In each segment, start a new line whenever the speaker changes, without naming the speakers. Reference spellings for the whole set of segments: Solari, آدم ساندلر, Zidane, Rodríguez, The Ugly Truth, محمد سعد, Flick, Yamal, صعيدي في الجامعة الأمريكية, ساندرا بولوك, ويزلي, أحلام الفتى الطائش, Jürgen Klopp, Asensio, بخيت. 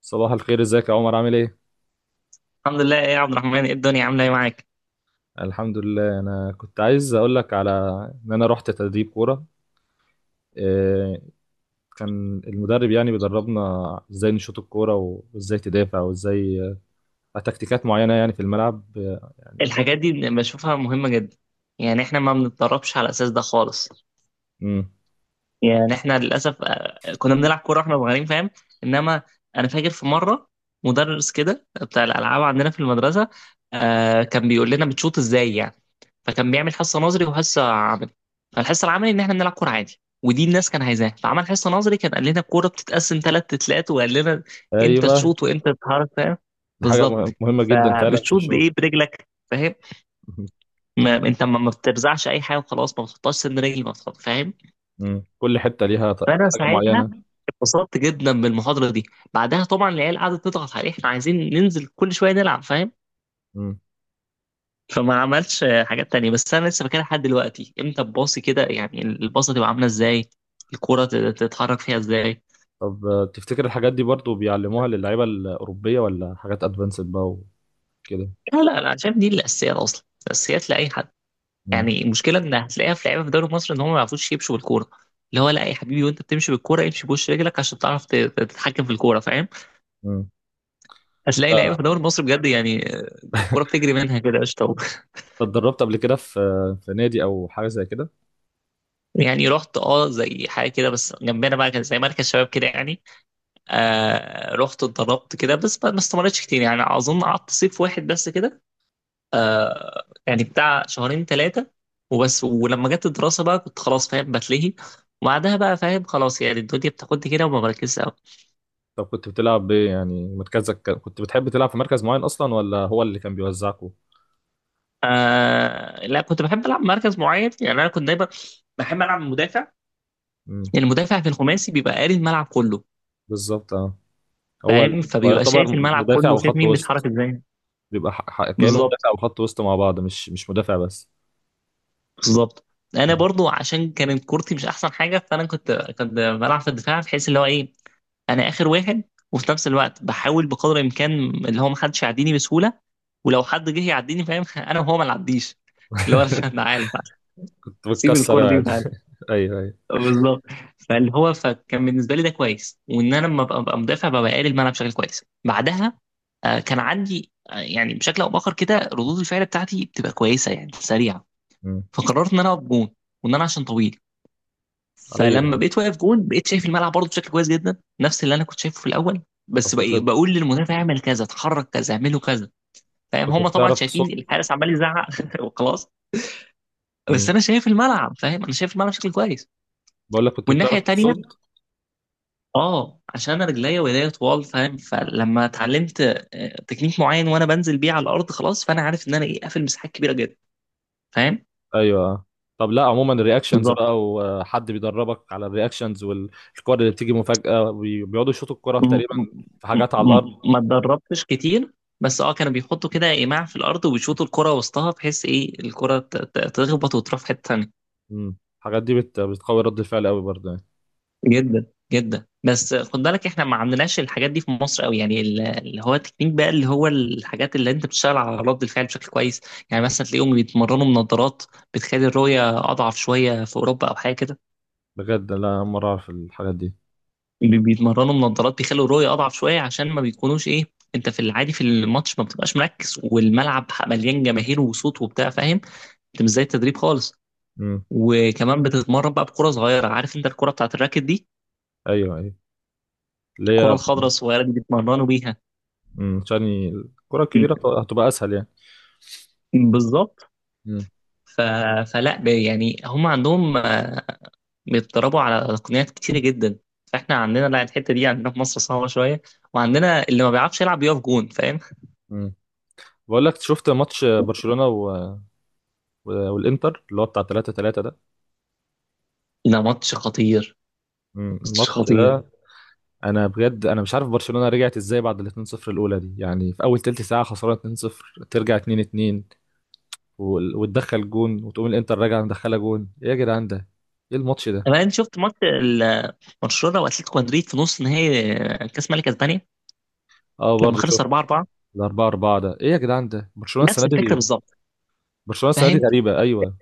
صباح الخير، ازيك يا عمر؟ عامل ايه؟
الحمد لله. ايه يا عبد الرحمن، ايه الدنيا، عامله ايه معاك؟
الحمد لله. انا كنت عايز اقول لك على انا رحت تدريب كوره. إيه، كان المدرب يعني بيدربنا ازاي نشوط الكوره و- وازاي تدافع وازاي تكتيكات معينه يعني في الملعب.
الحاجات دي بشوفها مهمه جدا. يعني احنا ما بنتدربش على الاساس ده خالص.
امم.
يعني احنا للاسف كنا بنلعب كوره واحنا صغيرين فاهم. انما انا فاكر في مره مدرس كده بتاع الالعاب عندنا في المدرسه كان بيقول لنا بتشوط ازاي يعني. فكان بيعمل حصه نظري وحصه عملي. فالحصه العملي ان احنا بنلعب كوره عادي ودي الناس كان عايزاها، فعمل حصه نظري كان قال لنا الكوره بتتقسم ثلاث تتلات، وقال لنا انت
ايوه،
تشوط وانت تتحرك فاهم.
دي حاجه
بالظبط.
مهمه جدا فعلا في
فبتشوط بايه؟
الشغل.
برجلك فاهم. ما انت ما بترزعش اي حاجه وخلاص، ما بتحطهاش سن رجل، ما بتحط فاهم.
مم. كل حته ليها
فانا
حاجه
ساعتها
معينه.
اتبسطت جدا بالمحاضره دي. بعدها طبعا العيال قعدت تضغط عليه احنا عايزين ننزل كل شويه نلعب فاهم.
مم.
فما عملش حاجات تانية، بس انا لسه فاكرها لحد دلوقتي، امتى الباص كده يعني، الباصه تبقى عامله ازاي، الكرة تتحرك فيها ازاي.
طب تفتكر الحاجات دي برضو بيعلموها للعيبه الاوروبيه ولا حاجات ادفانسد بقى وكده؟
لا لا لا، شايف دي الاساسيات اصلا، الاساسيات لاي حد.
مم.
يعني المشكله ان هتلاقيها في لعيبه في دوري مصر ان هم ما يعرفوش يمشوا بالكوره. اللي هو لا يا حبيبي، وانت بتمشي بالكوره امشي بوش رجلك عشان تعرف تتحكم في الكوره فاهم.
مم.
هتلاقي لعيبه في دوري مصر بجد يعني الكوره بتجري منها كده قشطه.
اتدربت قبل كده في في نادي او حاجه زي كده؟
يعني رحت اه زي حاجه كده، بس جنبنا بقى كان زي مركز شباب كده يعني. آه رحت اتدربت كده بس ما استمرتش كتير، يعني اظن قعدت صيف واحد بس كده، يعني بتاع شهرين ثلاثه وبس. ولما جت الدراسه بقى كنت خلاص فاهم بتلهي، وبعدها بقى فاهم خلاص يعني الدنيا بتاخدني كده وما بركزش قوي.
طب كنت بتلعب بايه؟ يعني مركزك كنت بتحب تلعب في مركز معين اصلا ولا هو اللي كان بيوزعكوا؟
آه لا، كنت بحب العب مركز معين. يعني انا كنت دايما بحب العب مدافع.
امم.
المدافع في الخماسي بيبقى قاري الملعب كله
بالظبط اه. هو ال-
فاهم.
هو
فبيبقى
يعتبر
شايف الملعب
مدافع
كله، شايف
وخط
مين بيتحرك
وسط.
ازاي.
بيبقى كانه
بالظبط.
مدافع وخط وسط مع بعض، مش مدافع بس.
بالظبط. انا
مم.
برضو عشان كانت كورتي مش احسن حاجه، فانا كنت بلعب في الدفاع، بحيث اللي هو ايه، انا اخر واحد، وفي نفس الوقت بحاول بقدر الامكان اللي هو ما حدش يعديني بسهوله. ولو حد جه يعديني فاهم، انا وهو ما نعديش، اللي هو انا عارف،
كنت
سيب
بتكسر
الكوره دي
يعني.
وتعالى.
ايوه ايوه.
بالظبط. فاللي هو فكان بالنسبه لي ده كويس، وان انا لما ببقى مدافع ببقى قاري الملعب بشكل كويس. بعدها كان عندي يعني بشكل او باخر كده ردود الفعل بتاعتي بتبقى كويسه، يعني سريعه.
مم.
فقررت ان انا اقف جون، وان انا عشان طويل.
ايوه.
فلما بقيت واقف جون بقيت شايف الملعب برضه بشكل كويس جدا، نفس اللي انا كنت شايفه في الاول.
طب
بس
كنت
بقى بقول للمدافع اعمل كذا، اتحرك كذا، اعمله كذا فاهم. هم طبعا
بتعرف
شايفين
تصد؟
الحارس عمال يزعق وخلاص. بس
مم.
انا شايف الملعب فاهم، انا شايف الملعب بشكل كويس،
بقول لك كنت
والناحيه
بتعرف
التانيه
تصد؟
اه عشان انا رجليا وايديا طوال فاهم. فلما اتعلمت تكنيك معين وانا بنزل بيه على الارض خلاص، فانا عارف ان انا ايه، قافل مساحات كبيره جدا فاهم.
ايوه. طب لا عموما الرياكشنز
بالظبط.
بقى، وحد بيدربك على الرياكشنز والكور اللي بتيجي مفاجأة بيقعدوا يشوطوا الكرة
م-
تقريبا
م-
في حاجات على الارض.
ما اتدربتش كتير، بس اه كانوا بيحطوا كده ايماع في الارض وبيشوطوا الكرة وسطها بحيث ايه الكرة تخبط وتروح في حتة تانية.
امم، الحاجات دي بتقوي رد الفعل قوي برضه يعني.
جدا جدا. بس خد بالك احنا ما عندناش الحاجات دي في مصر قوي، يعني اللي هو التكنيك بقى، اللي هو الحاجات اللي انت بتشتغل على رد الفعل بشكل كويس. يعني مثلا تلاقيهم بيتمرنوا بنظارات بتخلي الرؤية اضعف شوية في اوروبا او حاجة كده.
بجد لا، أول مرة اعرف الحاجات دي.
بيتمرنوا بنظارات بيخلوا الرؤية أضعف شوية، عشان ما بيكونوش إيه، أنت في العادي في الماتش ما بتبقاش مركز، والملعب مليان جماهير وصوت وبتاع فاهم. أنت مش زي التدريب خالص.
امم.
وكمان بتتمرن بقى بكرة صغيرة، عارف أنت الكرة بتاعت الراكت دي،
ايوه ايوه، اللي
الكرة
هي.
الخضراء الصغيرة دي بيتمرنوا بيها.
امم، عشان الكرة الكبيرة هتبقى اسهل يعني.
بالظبط.
امم.
ف... يعني هم عندهم بيتدربوا على تقنيات كتيرة جدا. فاحنا عندنا لا، الحتة دي عندنا في مصر صعبة شوية، وعندنا اللي ما بيعرفش يلعب بيقف جون فاهم.
امم. بقول لك، شفت ماتش برشلونة والانتر اللي هو بتاع 3 3 ده؟
ده ماتش خطير.
امم،
ماتش
الماتش
خطير.
ده. انا بجد انا مش عارف برشلونة رجعت ازاي بعد ال 2-0 الاولى دي، يعني في اول تلت ساعة خسرانة 2-0 ترجع 2-2 وتدخل جون وتقوم الانتر راجعة مدخلة جون. ايه يا جدعان ده؟ ايه الماتش ده؟
طب انت شفت ماتش برشلونه واتلتيكو مدريد في نص نهائي كاس ملك اسبانيا،
اه
لما
برضه
خلص 4
شفت.
4؟
الأربعة أربعة اربعة ده إيه يا جدعان ده؟ برشلونة السنة
نفس الفكره
دي.
بالظبط
برشلونة السنة دي
فاهم.
غريبة أيوه.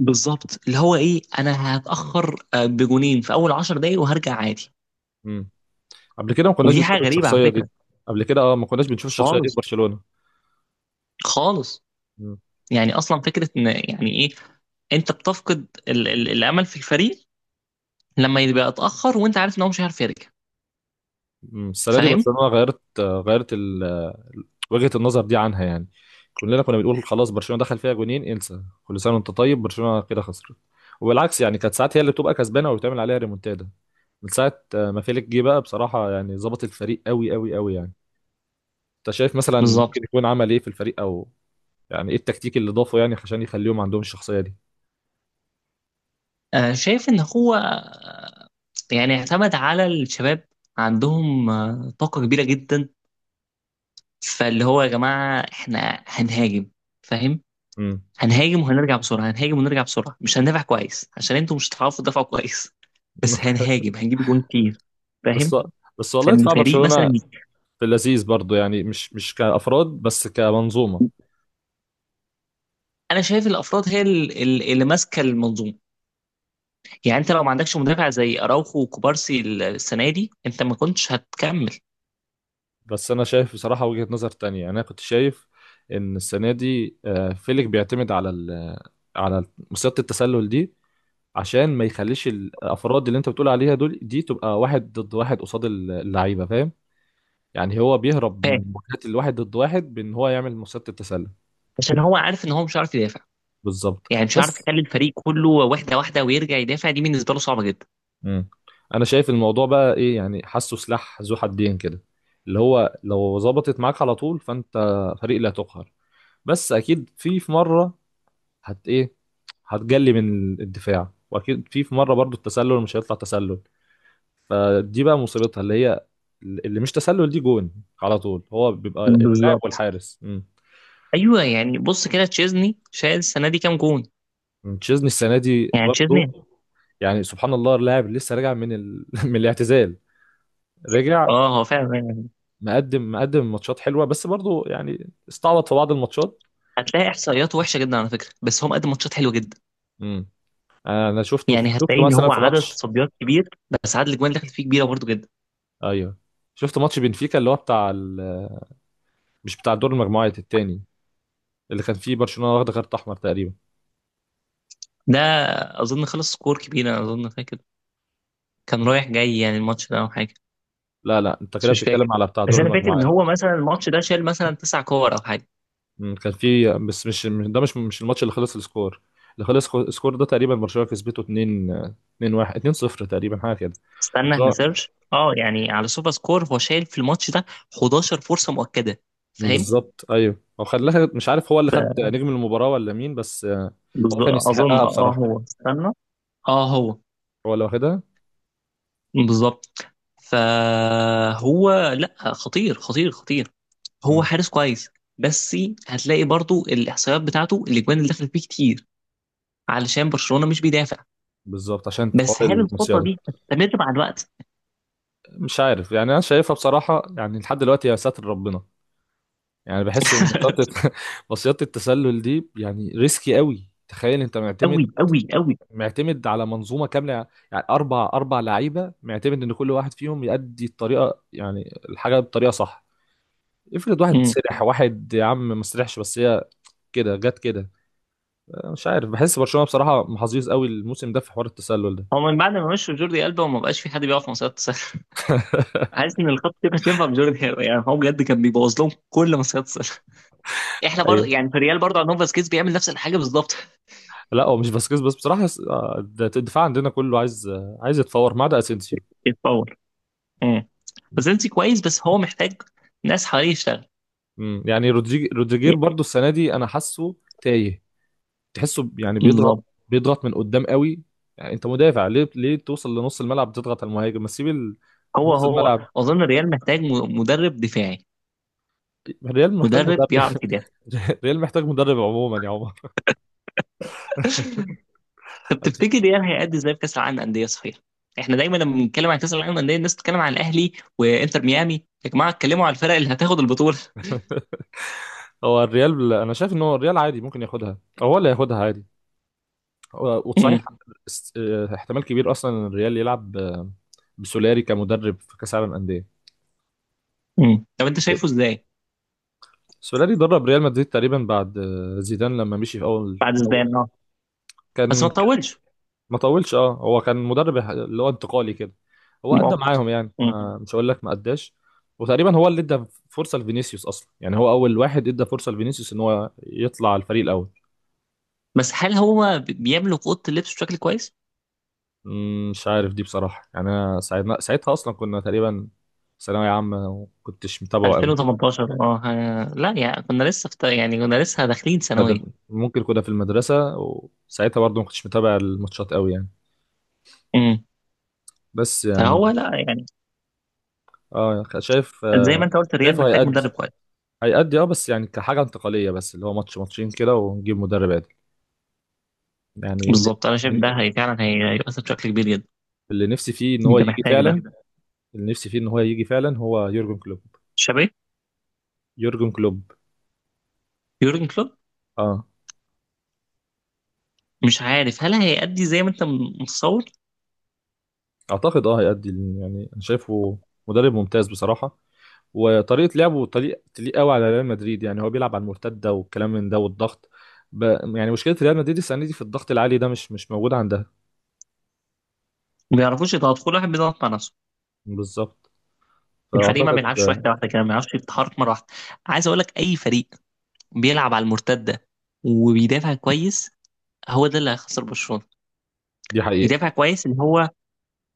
بالظبط، اللي هو ايه، انا هتاخر بجونين في اول 10 دقايق وهرجع عادي.
مم. قبل كده ما كناش
ودي
بنشوف
حاجه غريبه على
الشخصية دي.
فكره.
قبل كده أه، ما كناش بنشوف الشخصية دي في
خالص.
برشلونة.
خالص.
مم.
يعني اصلا فكره ان يعني ايه انت بتفقد ال ال الامل في الفريق لما يبقى اتاخر، وانت عارف ان هو مش هيعرف يرجع
مم. السنه دي
فاهم.
برشلونه غيرت وجهه النظر دي عنها يعني. كلنا كنا بنقول خلاص برشلونه دخل فيها جونين، انسى. كل سنه وانت طيب برشلونه كده خسرت. وبالعكس يعني كانت ساعات هي اللي بتبقى كسبانه وبتعمل عليها ريمونتادا. من ساعه ما فيليك جه بقى بصراحه يعني ظبط الفريق قوي قوي يعني. انت شايف مثلا ممكن
بالظبط.
يكون عمل ايه في الفريق؟ او يعني ايه التكتيك اللي ضافه يعني عشان يخليهم عندهم الشخصيه دي؟
شايف ان هو يعني اعتمد على الشباب. عندهم طاقه كبيره جدا. فاللي هو يا جماعة احنا هنهاجم فاهم.
امم.
هنهاجم وهنرجع بسرعة، هنهاجم ونرجع بسرعة، مش هندافع كويس عشان انتوا مش هتعرفوا تدافعوا كويس، بس هنهاجم هنجيب جون كتير
بس
فاهم.
والله
فان
دفاع
الفريق مثلا،
برشلونه في اللذيذ برضو يعني، مش كافراد بس كمنظومه.
انا شايف الافراد هي اللي ماسكه المنظومه. يعني انت لو ما عندكش مدافع زي اراوخو وكوبارسي السنه دي انت ما كنتش هتكمل
بس انا شايف بصراحه وجهه نظر تانية يعني. انا كنت شايف ان السنه دي فيليك بيعتمد على على مصيده التسلل دي عشان ما يخليش الافراد اللي انت بتقول عليها دول دي تبقى واحد ضد واحد قصاد اللعيبه، فاهم؟ يعني هو بيهرب من
فاهم.
مواجهات الواحد ضد واحد بان هو يعمل مصيده التسلل.
عشان هو عارف ان هو مش عارف يدافع.
بالظبط.
يعني مش عارف
بس
يخلي الفريق كله واحده واحده ويرجع يدافع، دي بالنسبه له صعبه جدا.
مم. انا شايف الموضوع بقى ايه يعني، حاسه سلاح ذو حدين كده. اللي هو لو ظبطت معاك على طول فانت فريق لا تقهر. بس اكيد في في مره هت ايه هتجلي من الدفاع، واكيد في في مره برضو التسلل مش هيطلع تسلل. فدي بقى مصيبتها اللي هي اللي مش تسلل دي جون على طول. هو بيبقى اللاعب
بالظبط.
والحارس. امم.
ايوه، يعني بص كده تشيزني شايل السنه دي كام جون.
تشيزني السنه دي
يعني
برضو.
تشيزني
يعني سبحان الله، اللاعب لسه راجع من من الاعتزال. رجع.
اه هو فعلا يعني
مقدم ماتشات حلوه، بس برضو يعني استعبط في بعض الماتشات.
هتلاقي احصائياته وحشه جدا على فكره، بس هو مقدم ماتشات حلوه جدا.
امم. انا شفته
يعني هتلاقي
شفته
ان
مثلا
هو
في
عدد
ماتش.
تصديات كبير، بس عدد الاجوان اللي دخلت فيه كبيره برضه جدا.
ايوه، شفت ماتش بنفيكا اللي هو بتاع مش بتاع دور المجموعات التاني اللي كان فيه برشلونة واخدة كارت احمر تقريبا.
ده اظن خلص سكور كبير، انا اظن فاكر كان رايح جاي يعني الماتش ده او حاجه،
لا لا، انت
بس
كده
مش فاكر.
بتتكلم على بتاع دور
بس انا فاكر ان
المجموعات.
هو مثلا الماتش ده شال مثلا تسع كور او حاجه.
مم، كان فيه بس ده مش الماتش اللي خلص السكور. اللي خلص السكور ده تقريبا برشلونة كسبته 2 2 1 2 0 تقريبا حاجة كده.
استنى
برشلونة.
هسيرش. اه يعني على سوبر سكور هو شايل في الماتش ده 11 فرصه مؤكده فاهم.
بالظبط ايوه. هو خلاها، مش عارف هو اللي خد نجم المباراة ولا مين، بس هو كان
بالظبط
يستحقها
اظن اه
بصراحة.
هو، استنى اه هو
هو اللي واخدها.
بالظبط. فهو لا خطير خطير خطير. هو
مم.
حارس كويس، بس هتلاقي برضو الاحصائيات بتاعته الاجوان اللي دخلت فيه كتير، علشان برشلونة مش بيدافع.
بالظبط عشان حوار
بس هل الخطة
المصيدة.
دي هتستمر مع الوقت؟
مش عارف يعني، انا شايفها بصراحة يعني لحد دلوقتي يا ساتر ربنا. يعني بحس ان مصيدة مصيدة التسلل دي يعني ريسكي قوي. تخيل انت
قوي
معتمد
قوي قوي.
على منظومه كامله. يعني اربع اربع لعيبه، معتمد ان كل واحد فيهم يأدي الطريقه يعني الحاجه بطريقه صح. افرض واحد
امم،
سرح، واحد يا عم ما سرحش، بس هي كده جت كده. مش عارف، بحس برشلونه بصراحه محظوظ قوي الموسم ده في حوار التسلل ده.
هو من بعد ما مشوا جوردي ألبا وما بقاش في حد بيقف مصيدة السله. حاسس ان الخطة دي كانت ينفع بجوردي ألبا، يعني هو بجد كان بيبوظ لهم كل مصيدة السله. احنا برضه
ايوه.
يعني في الريال برضه عندهم فاسكيز بيعمل نفس الحاجة بالظبط.
لا هو مش باسكيز بس بصراحه، آه، الدفاع عندنا كله عايز عايز يتفور ما عدا اسينسيو.
يتطور. فازيلسي كويس، بس هو محتاج ناس حواليه يشتغل.
مم. يعني رودريجير برضو السنه دي انا حاسه تايه. تحسه يعني بيضغط
بالظبط.
بيضغط من قدام قوي. يعني انت مدافع، ليه توصل لنص الملعب تضغط على المهاجم؟ ما تسيب
هو
نص
هو
الملعب.
اظن الريال محتاج مدرب دفاعي.
الريال محتاج
مدرب
مدرب.
بيعرف يدافع.
الريال محتاج مدرب عموما يا عمر.
طب تفتكر الريال هيأدي ازاي في كاس العالم للانديه صحيح؟ احنا دايما لما بنتكلم عن كاس العالم للانديه الناس بتتكلم عن الاهلي وانتر ميامي يا جماعه، اتكلموا على الفرق اللي هتاخد البطوله.
هو الريال انا شايف ان هو الريال عادي ممكن ياخدها، أو هو اللي هياخدها عادي. وصحيح
امم.
اه، احتمال كبير اصلا إن الريال يلعب بسولاري كمدرب في كاس العالم انديه.
امم. طب انت شايفه ازاي؟
سولاري درب ريال مدريد تقريبا بعد زيدان لما مشي في
بعد
اول.
زيدان اه، بس
كان
ما تطولش.
ما طولش اه. هو كان مدرب اللي هو انتقالي كده. هو ادى
مؤقت.
معاهم يعني،
امم.
ما مش هقول لك ما اداش. وتقريبا هو اللي ادى فرصه لفينيسيوس اصلا، يعني هو اول واحد ادى فرصه لفينيسيوس ان هو يطلع على الفريق الاول.
بس هل هو بيملك اوضه اللبس بشكل كويس؟
مم. مش عارف دي بصراحه، يعني انا ساعتها اصلا كنا تقريبا ثانويه عامه، وكنتش متابعه قوي.
2018 اه، لا يعني كنا لسه في، يعني كنا لسه داخلين ثانويه.
مدر... ممكن كنا في المدرسه، وساعتها برضه ما كنتش متابع الماتشات قوي يعني.
امم.
بس يعني
فهو لا يعني
اه شايف
زي ما انت قلت الريال
شايفه
محتاج
هيأدي.
مدرب كويس.
هيأدي اه، بس يعني كحاجة انتقالية بس، اللي هو ماتش ماتشين كده ونجيب مدرب عادل يعني. اللي
بالظبط، انا شايف ده هي فعلا هيؤثر بشكل كبير جدا.
اللي نفسي فيه ان هو
انت
يجي
محتاج
فعلا،
ده.
اللي نفسي فيه ان هو يجي فعلا هو يورجن كلوب.
شابي.
يورجن كلوب
يورجن كلوب.
اه.
مش عارف هل هيأدي زي ما انت متصور.
اعتقد اه هيأدي، يعني انا شايفه مدرب ممتاز بصراحة. وطريقة لعبه طريق تليق قوي على ريال مدريد، يعني هو بيلعب على المرتدة والكلام من ده والضغط. ب... يعني مشكلة ريال مدريد السنة دي في الضغط العالي ده مش موجود عندها.
ما بيعرفوش يضغط، كل واحد بيضغط مع نفسه.
بالظبط.
الفريق ما
فأعتقد
بيلعبش واحده
آه،
واحده كده، ما بيعرفش يتحرك مره واحده. عايز اقول لك اي فريق بيلعب على المرتده وبيدافع كويس، هو ده اللي هيخسر برشلونه.
دي حقيقة.
بيدافع كويس، اللي هو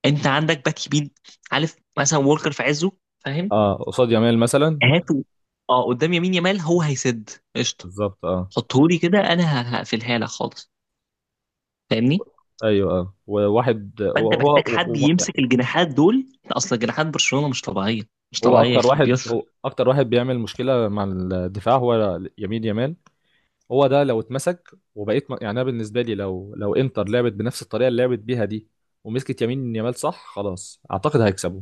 انت عندك باك يمين، عارف مثلا وولكر في عزه فاهم،
اه قصاد يامال مثلا.
هاته. اه قدام يمين يامال هو هيسد، قشطه.
بالظبط اه.
حطهولي كده، انا هقفلها لك خالص فاهمني.
ايوه اه. وواحد هو
فانت
هو
محتاج حد يمسك الجناحات دول، اصل جناحات برشلونه مش طبيعيه. مش
هو
طبيعيه
اكتر
يخرب
واحد،
بيوت.
بيعمل مشكله مع الدفاع هو يمين يامال. هو ده لو اتمسك وبقيت يعني انا بالنسبه لي لو انتر لعبت بنفس الطريقه اللي لعبت بيها دي، ومسكت يمين يامال صح، خلاص اعتقد هيكسبوا.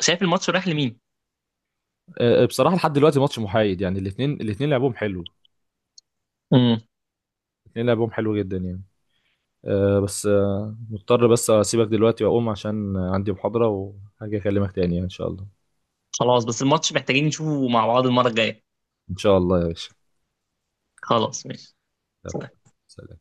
شايف الماتش رايح لمين؟
بصراحه لحد دلوقتي ماتش محايد، يعني الاثنين لعبهم حلو،
امم.
الاثنين لعبهم حلو جدا يعني. أه بس أه مضطر بس اسيبك دلوقتي واقوم عشان عندي محاضره، وهاجي اكلمك تاني يعني ان شاء الله.
خلاص، بس الماتش محتاجين نشوفه مع بعض المره الجايه.
ان شاء الله يا باشا.
خلاص، ماشي.
يلا، سلام.